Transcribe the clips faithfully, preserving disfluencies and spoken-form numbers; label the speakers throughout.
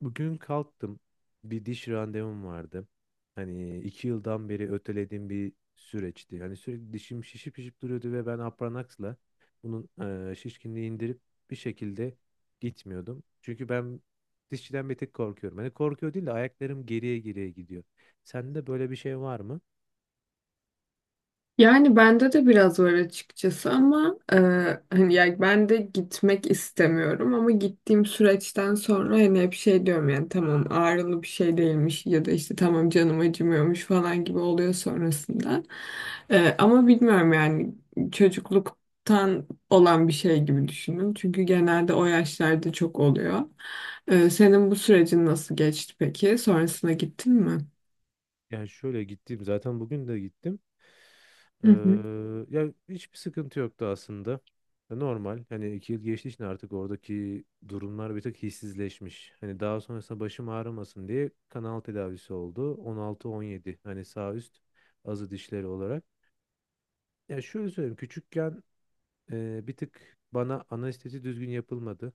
Speaker 1: Bugün kalktım. Bir diş randevum vardı. Hani iki yıldan beri ötelediğim bir süreçti. Hani sürekli dişim şişip şişip duruyordu ve ben Apranax'la bunun eee, şişkinliği indirip bir şekilde gitmiyordum. Çünkü ben dişçiden bir tek korkuyorum. Hani korkuyor değil de ayaklarım geriye geriye gidiyor. Sende böyle bir şey var mı?
Speaker 2: Yani bende de biraz var açıkçası ama e, hani yani ben de gitmek istemiyorum ama gittiğim süreçten sonra hani hep şey diyorum yani tamam ağrılı bir şey değilmiş ya da işte tamam canım acımıyormuş falan gibi oluyor sonrasında. E, ama bilmiyorum yani çocukluktan olan bir şey gibi düşünün çünkü genelde o yaşlarda çok oluyor. E, senin bu sürecin nasıl geçti peki? Sonrasına gittin mi?
Speaker 1: Yani şöyle gittim zaten bugün de gittim. Ee,
Speaker 2: Hı hı,
Speaker 1: ya hiçbir sıkıntı yoktu aslında. Normal. Hani iki yıl geçtiği için artık oradaki durumlar bir tık hissizleşmiş. Hani daha sonrasında başım ağrımasın diye kanal tedavisi oldu. on altıya on yedi hani sağ üst azı dişleri olarak. Ya şöyle söyleyeyim küçükken e, bir tık bana anestezi düzgün yapılmadı.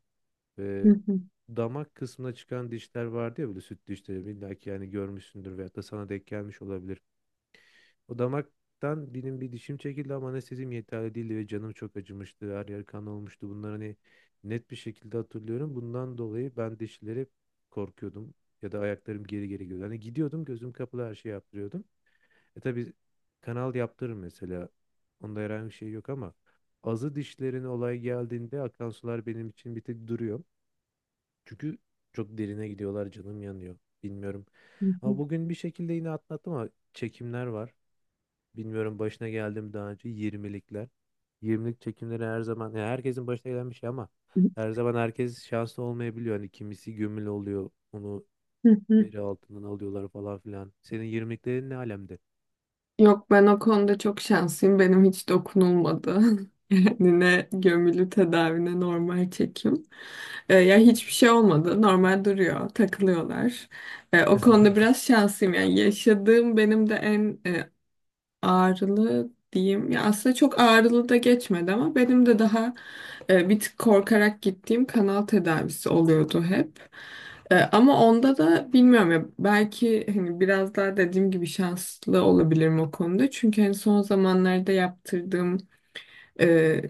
Speaker 2: hı
Speaker 1: Ve
Speaker 2: hı,
Speaker 1: damak kısmına çıkan dişler vardı ya böyle süt dişleri. İlla ki yani görmüşsündür veyahut da sana denk gelmiş olabilir. O damaktan benim bir dişim çekildi ama anestezim yeterli değildi ve canım çok acımıştı. Her yer kan olmuştu. Bunları hani net bir şekilde hatırlıyorum. Bundan dolayı ben dişlere korkuyordum. Ya da ayaklarım geri geri gidiyordu. Hani gidiyordum, gözüm kapalı her şeyi yaptırıyordum. E tabii kanal yaptırır mesela. Onda herhangi bir şey yok ama azı dişlerin olay geldiğinde akan sular benim için bir tek duruyor. Çünkü çok derine gidiyorlar, canım yanıyor. Bilmiyorum.
Speaker 2: hı
Speaker 1: Ama
Speaker 2: hı,
Speaker 1: bugün bir şekilde yine atlattım ama çekimler var. Bilmiyorum başına geldim daha önce yirmilikler. yirmilik çekimleri her zaman ya herkesin başına gelen bir şey ama her zaman herkes şanslı olmayabiliyor. Hani kimisi gömül oluyor. Onu
Speaker 2: hı hı.
Speaker 1: deri altından alıyorlar falan filan. Senin yirmiliklerin ne alemde?
Speaker 2: Yok, ben o konuda çok şanslıyım. Benim hiç dokunulmadı. Yani ne gömülü tedavi ne normal çekim. Ee, ya hiçbir şey olmadı. Normal duruyor. Takılıyorlar. Ee, o konuda biraz şanslıyım. Yani yaşadığım benim de en e, ağrılı diyeyim. Ya aslında çok ağrılı da geçmedi ama benim de daha e, bir tık korkarak gittiğim kanal tedavisi oluyordu hep. E, ama onda da bilmiyorum ya, belki hani biraz daha dediğim gibi şanslı olabilirim o konuda. Çünkü hani son zamanlarda yaptırdığım e,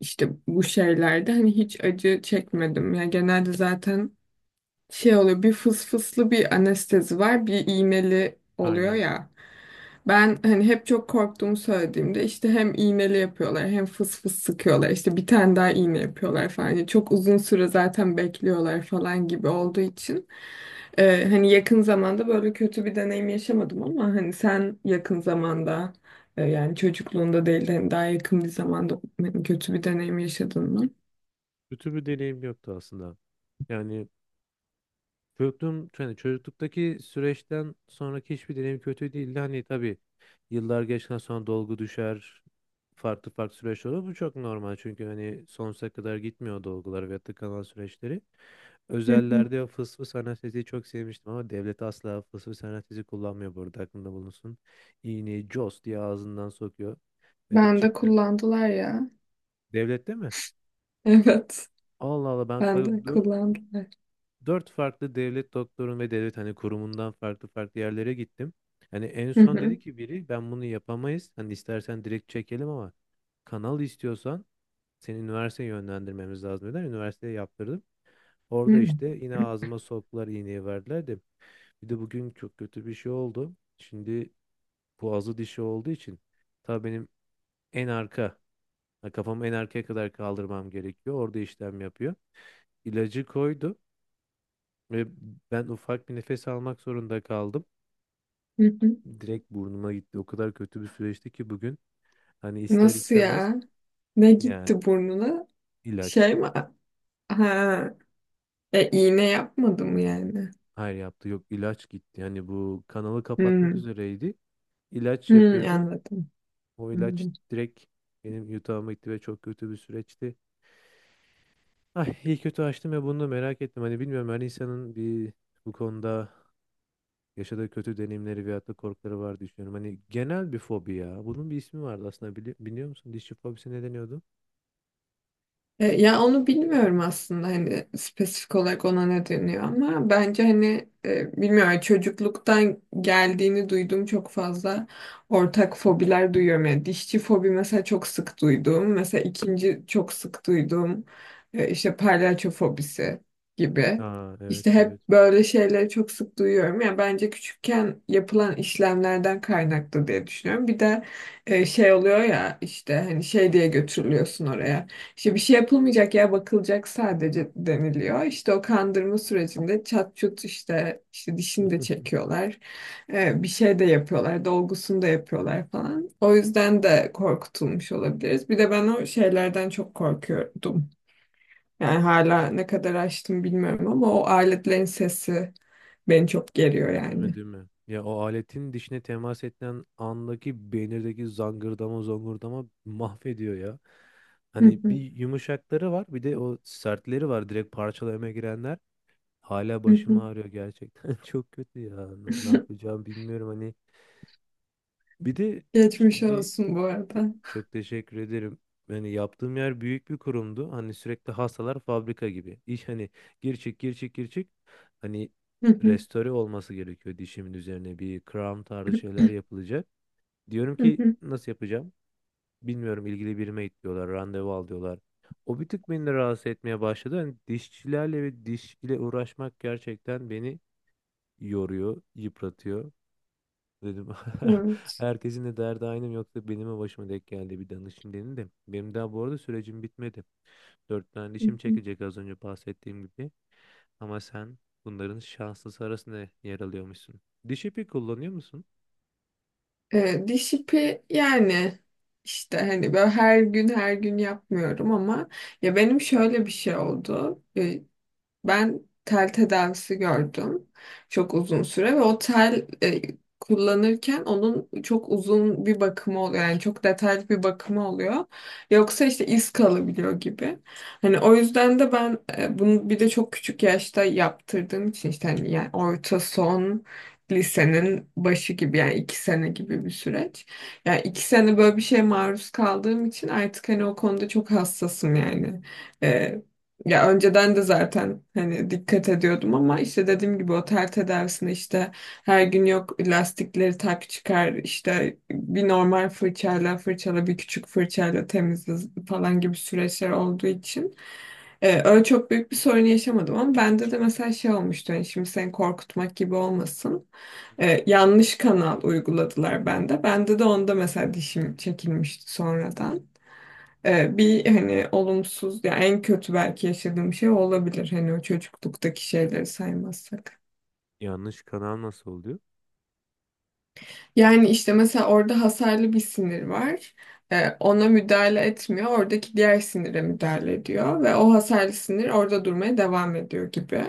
Speaker 2: işte bu şeylerde hani hiç acı çekmedim. Yani genelde zaten şey oluyor, bir fıs fıslı bir anestezi var, bir iğneli oluyor
Speaker 1: Aynen.
Speaker 2: ya. Ben hani hep çok korktuğumu söylediğimde işte hem iğneli yapıyorlar hem fıs fıs sıkıyorlar, işte bir tane daha iğne yapıyorlar falan. Yani çok uzun süre zaten bekliyorlar falan gibi olduğu için. Ee, hani yakın zamanda böyle kötü bir deneyim yaşamadım ama hani sen yakın zamanda e, yani çocukluğunda değil de hani daha yakın bir zamanda hani kötü bir deneyim yaşadın mı?
Speaker 1: Kötü bir deneyim yoktu aslında. Yani Çocukluğum, yani çocukluktaki süreçten sonraki hiçbir deneyim kötü değildi. Hani tabii yıllar geçtikten sonra dolgu düşer, farklı farklı süreç olur. Bu çok normal çünkü hani sonsuza kadar gitmiyor dolgular ve tıkanan süreçleri.
Speaker 2: Hı hı.
Speaker 1: Özellerde o fıs fıs anesteziyi çok sevmiştim ama devlet asla fıs fıs anestezi kullanmıyor, burada aklında bulunsun. İğneyi cos diye ağzından sokuyor ve
Speaker 2: Ben de
Speaker 1: gerçekten
Speaker 2: kullandılar ya.
Speaker 1: devlette mi?
Speaker 2: Evet,
Speaker 1: Allah Allah, ben
Speaker 2: ben de kullandılar.
Speaker 1: dört farklı devlet doktorun ve devlet hani kurumundan farklı farklı yerlere gittim. Hani en
Speaker 2: Hı
Speaker 1: son
Speaker 2: hı.
Speaker 1: dedi ki biri, ben bunu yapamayız. Hani istersen direkt çekelim ama kanal istiyorsan seni üniversiteye yönlendirmemiz lazım, dediler. Üniversiteye yaptırdım. Orada
Speaker 2: Hı
Speaker 1: işte yine ağzıma soktular, iğneyi verdiler de. Bir de bugün çok kötü bir şey oldu. Şimdi boğazı dişi olduğu için tabii benim en arka ha, kafamı en arkaya kadar kaldırmam gerekiyor. Orada işlem yapıyor. İlacı koydu ve ben ufak bir nefes almak zorunda kaldım.
Speaker 2: hı.
Speaker 1: Direkt burnuma gitti. O kadar kötü bir süreçti ki bugün. Hani ister
Speaker 2: Nasıl
Speaker 1: istemez
Speaker 2: ya? Ne
Speaker 1: yani
Speaker 2: gitti burnuna?
Speaker 1: ilaç.
Speaker 2: Şey mi? Ha. E, iğne yapmadı mı yani?
Speaker 1: Hayır yaptı, yok ilaç gitti. Hani bu kanalı kapatmak
Speaker 2: Hmm.
Speaker 1: üzereydi. İlaç
Speaker 2: Hmm,
Speaker 1: yapıyordu.
Speaker 2: anladım.
Speaker 1: O ilaç
Speaker 2: Anladım.
Speaker 1: direkt benim yutağıma gitti ve çok kötü bir süreçti. Ay iyi kötü açtım ya, bunu da merak ettim. Hani bilmiyorum, her insanın bir bu konuda yaşadığı kötü deneyimleri veyahut da korkuları var diye düşünüyorum. Hani genel bir fobi ya. Bunun bir ismi vardı aslında, bili biliyor musun? Dişi fobisi ne deniyordu?
Speaker 2: E, Ya onu bilmiyorum aslında hani spesifik olarak ona ne deniyor, ama bence hani e, bilmiyorum, çocukluktan geldiğini duyduğum çok fazla ortak fobiler duyuyorum. Yani dişçi fobi mesela çok sık duyduğum, mesela ikinci çok sık duyduğum e, işte palyaço fobisi gibi.
Speaker 1: Aa
Speaker 2: İşte
Speaker 1: evet
Speaker 2: hep
Speaker 1: evet.
Speaker 2: böyle şeyleri çok sık duyuyorum. Yani bence küçükken yapılan işlemlerden kaynaklı diye düşünüyorum. Bir de e, şey oluyor ya, işte hani şey diye götürülüyorsun oraya. İşte bir şey yapılmayacak ya, bakılacak sadece deniliyor. İşte o kandırma sürecinde çat çut işte işte dişini de çekiyorlar. Ee, bir şey de yapıyorlar. Dolgusunu da yapıyorlar falan. O yüzden de korkutulmuş olabiliriz. Bir de ben o şeylerden çok korkuyordum. Yani hala ne kadar açtım bilmiyorum, ama o aletlerin sesi beni çok geriyor
Speaker 1: Değil mi,
Speaker 2: yani.
Speaker 1: değil mi? Ya o aletin dişine temas edilen andaki beynirdeki zangırdama zongurdama mahvediyor ya. Hani bir yumuşakları var, bir de o sertleri var, direkt parçalamaya girenler. Hala başım ağrıyor gerçekten. Çok kötü ya. N- Ne yapacağım bilmiyorum hani. Bir de
Speaker 2: Geçmiş
Speaker 1: şimdi
Speaker 2: olsun bu
Speaker 1: Te-
Speaker 2: arada.
Speaker 1: çok teşekkür ederim. Yani yaptığım yer büyük bir kurumdu. Hani sürekli hastalar fabrika gibi. İş hani gir çık gir çık gir çık. Hani
Speaker 2: Hı hı,
Speaker 1: restore olması gerekiyor, dişimin üzerine bir crown tarzı şeyler yapılacak. Diyorum
Speaker 2: hı
Speaker 1: ki
Speaker 2: hı.
Speaker 1: nasıl yapacağım? Bilmiyorum, ilgili birime git diyorlar, randevu al diyorlar. O bir tık beni de rahatsız etmeye başladı. Hani dişçilerle ve diş ile uğraşmak gerçekten beni yoruyor, yıpratıyor. Dedim
Speaker 2: Evet.
Speaker 1: herkesin de derdi aynı mı yoksa benim mi başıma denk geldi, bir danışayım dedim de. Benim daha bu arada sürecim bitmedi. Dört tane
Speaker 2: Hı
Speaker 1: dişim
Speaker 2: hı.
Speaker 1: çekecek, az önce bahsettiğim gibi. Ama sen bunların şanslısı arasında yer alıyormuşsun. Diş ipi kullanıyor musun?
Speaker 2: Ee, diş ipi yani işte hani böyle her gün her gün yapmıyorum ama ya benim şöyle bir şey oldu. Ben tel tedavisi gördüm çok uzun süre ve o tel e, kullanırken onun çok uzun bir bakımı oluyor. Yani çok detaylı bir bakımı oluyor. Yoksa işte iz kalabiliyor gibi. Hani o yüzden de ben e, bunu bir de çok küçük yaşta yaptırdığım için, işte hani yani orta son lisenin başı gibi, yani iki sene gibi bir süreç. Yani iki sene böyle bir şeye maruz kaldığım için artık hani o konuda çok hassasım yani. E, Ya önceden de zaten hani dikkat ediyordum ama işte dediğim gibi o ter tedavisine işte her gün, yok lastikleri tak çıkar, işte bir normal fırçayla fırçala, bir küçük fırçayla temizle falan gibi süreçler olduğu için e, öyle çok büyük bir sorun yaşamadım, ama bende de mesela şey olmuştu, hani şimdi seni korkutmak gibi olmasın. E, yanlış kanal uyguladılar bende bende de onda, mesela dişim çekilmişti sonradan. Ee, bir hani olumsuz, ya en kötü belki yaşadığım şey o olabilir, hani o çocukluktaki şeyleri saymazsak.
Speaker 1: Yanlış kanal nasıl oluyor?
Speaker 2: Yani işte mesela orada hasarlı bir sinir var. Ee, ona müdahale etmiyor. Oradaki diğer sinire müdahale ediyor ve o hasarlı sinir orada durmaya devam ediyor gibi.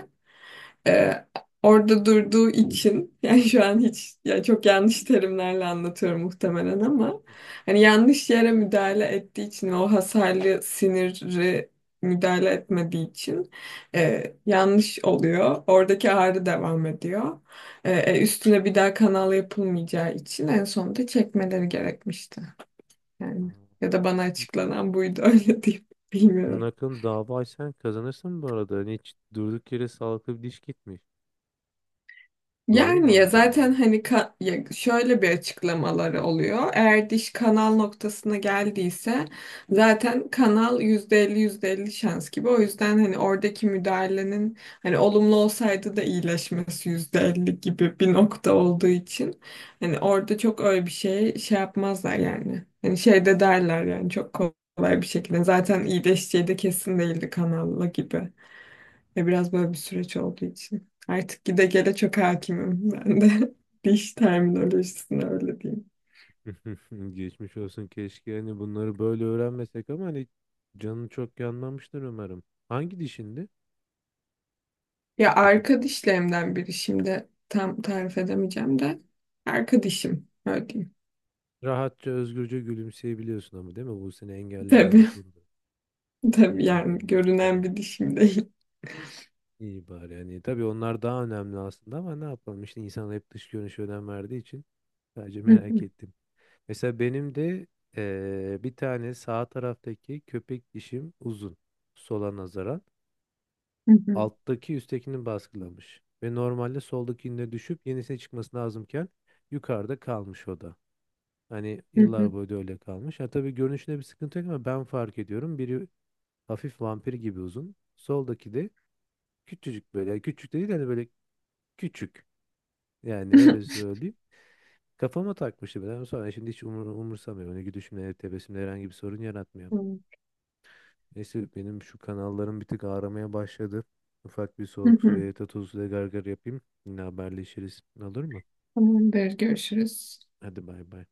Speaker 2: e, Orada durduğu için yani şu an hiç, ya çok yanlış terimlerle anlatıyorum muhtemelen, ama hani yanlış yere müdahale ettiği için ve o hasarlı siniri müdahale etmediği için e, yanlış oluyor. Oradaki ağrı devam ediyor. E, üstüne bir daha kanal yapılmayacağı için en sonunda çekmeleri gerekmişti. Yani
Speaker 1: Aa,
Speaker 2: ya da bana açıklanan buydu, öyle diyeyim.
Speaker 1: bunun
Speaker 2: Bilmiyorum.
Speaker 1: hakkında dava açsan kazanırsın bu arada. Hani hiç durduk yere sağlıklı bir diş gitmiş. Doğru mu
Speaker 2: Yani ya zaten
Speaker 1: anladım?
Speaker 2: hani ka- ya şöyle bir açıklamaları oluyor. Eğer diş kanal noktasına geldiyse zaten kanal yüzde elli yüzde elli şans gibi. O yüzden hani oradaki müdahalenin hani olumlu olsaydı da iyileşmesi yüzde elli gibi bir nokta olduğu için hani orada çok öyle bir şey şey yapmazlar yani. Hani şey de derler yani çok kolay bir şekilde. Zaten iyileşeceği de kesin değildi kanalla gibi. Ve biraz böyle bir süreç olduğu için. Artık gide gele çok hakimim ben de. Diş terminolojisine öyle diyeyim.
Speaker 1: Geçmiş olsun, keşke hani bunları böyle öğrenmesek ama hani canı çok yanmamıştır umarım. Hangi dişindi?
Speaker 2: Ya
Speaker 1: Atıp
Speaker 2: arka dişlerimden biri, şimdi tam tarif edemeyeceğim de. Arka dişim öyle diyeyim.
Speaker 1: rahatça özgürce gülümseyebiliyorsun ama değil mi? Bu seni engellemiyor bu
Speaker 2: Tabii
Speaker 1: konuda.
Speaker 2: tabii
Speaker 1: İyi
Speaker 2: yani
Speaker 1: bari, iyi
Speaker 2: görünen
Speaker 1: bari.
Speaker 2: bir dişim değil.
Speaker 1: İyi bari, yani tabii onlar daha önemli aslında ama ne yapalım, işte insan hep dış görünüşe önem verdiği için sadece merak ettim. Mesela benim de eee, bir tane sağ taraftaki köpek dişim uzun sola nazaran. Alttaki üsttekini baskılamış ve normalde soldakinde düşüp yenisine çıkması lazımken yukarıda kalmış o da. Hani yıllar boyu da öyle kalmış. Ha tabii görünüşünde bir sıkıntı yok ama ben fark ediyorum. Biri hafif vampir gibi uzun. Soldaki de küçücük böyle. Yani Küçük de değil hani böyle küçük. Yani öyle söyleyeyim. Kafama takmıştı ben ama sonra şimdi hiç umur, umursamıyorum. Hani gülüşümle, tebessümle herhangi bir sorun yaratmıyor. Neyse, benim şu kanallarım bir tık ağramaya başladı. Ufak bir soğuk su ve tatlı su gargar yapayım. Yine haberleşiriz. Olur mu?
Speaker 2: Tamamdır, görüşürüz.
Speaker 1: Hadi bay bay.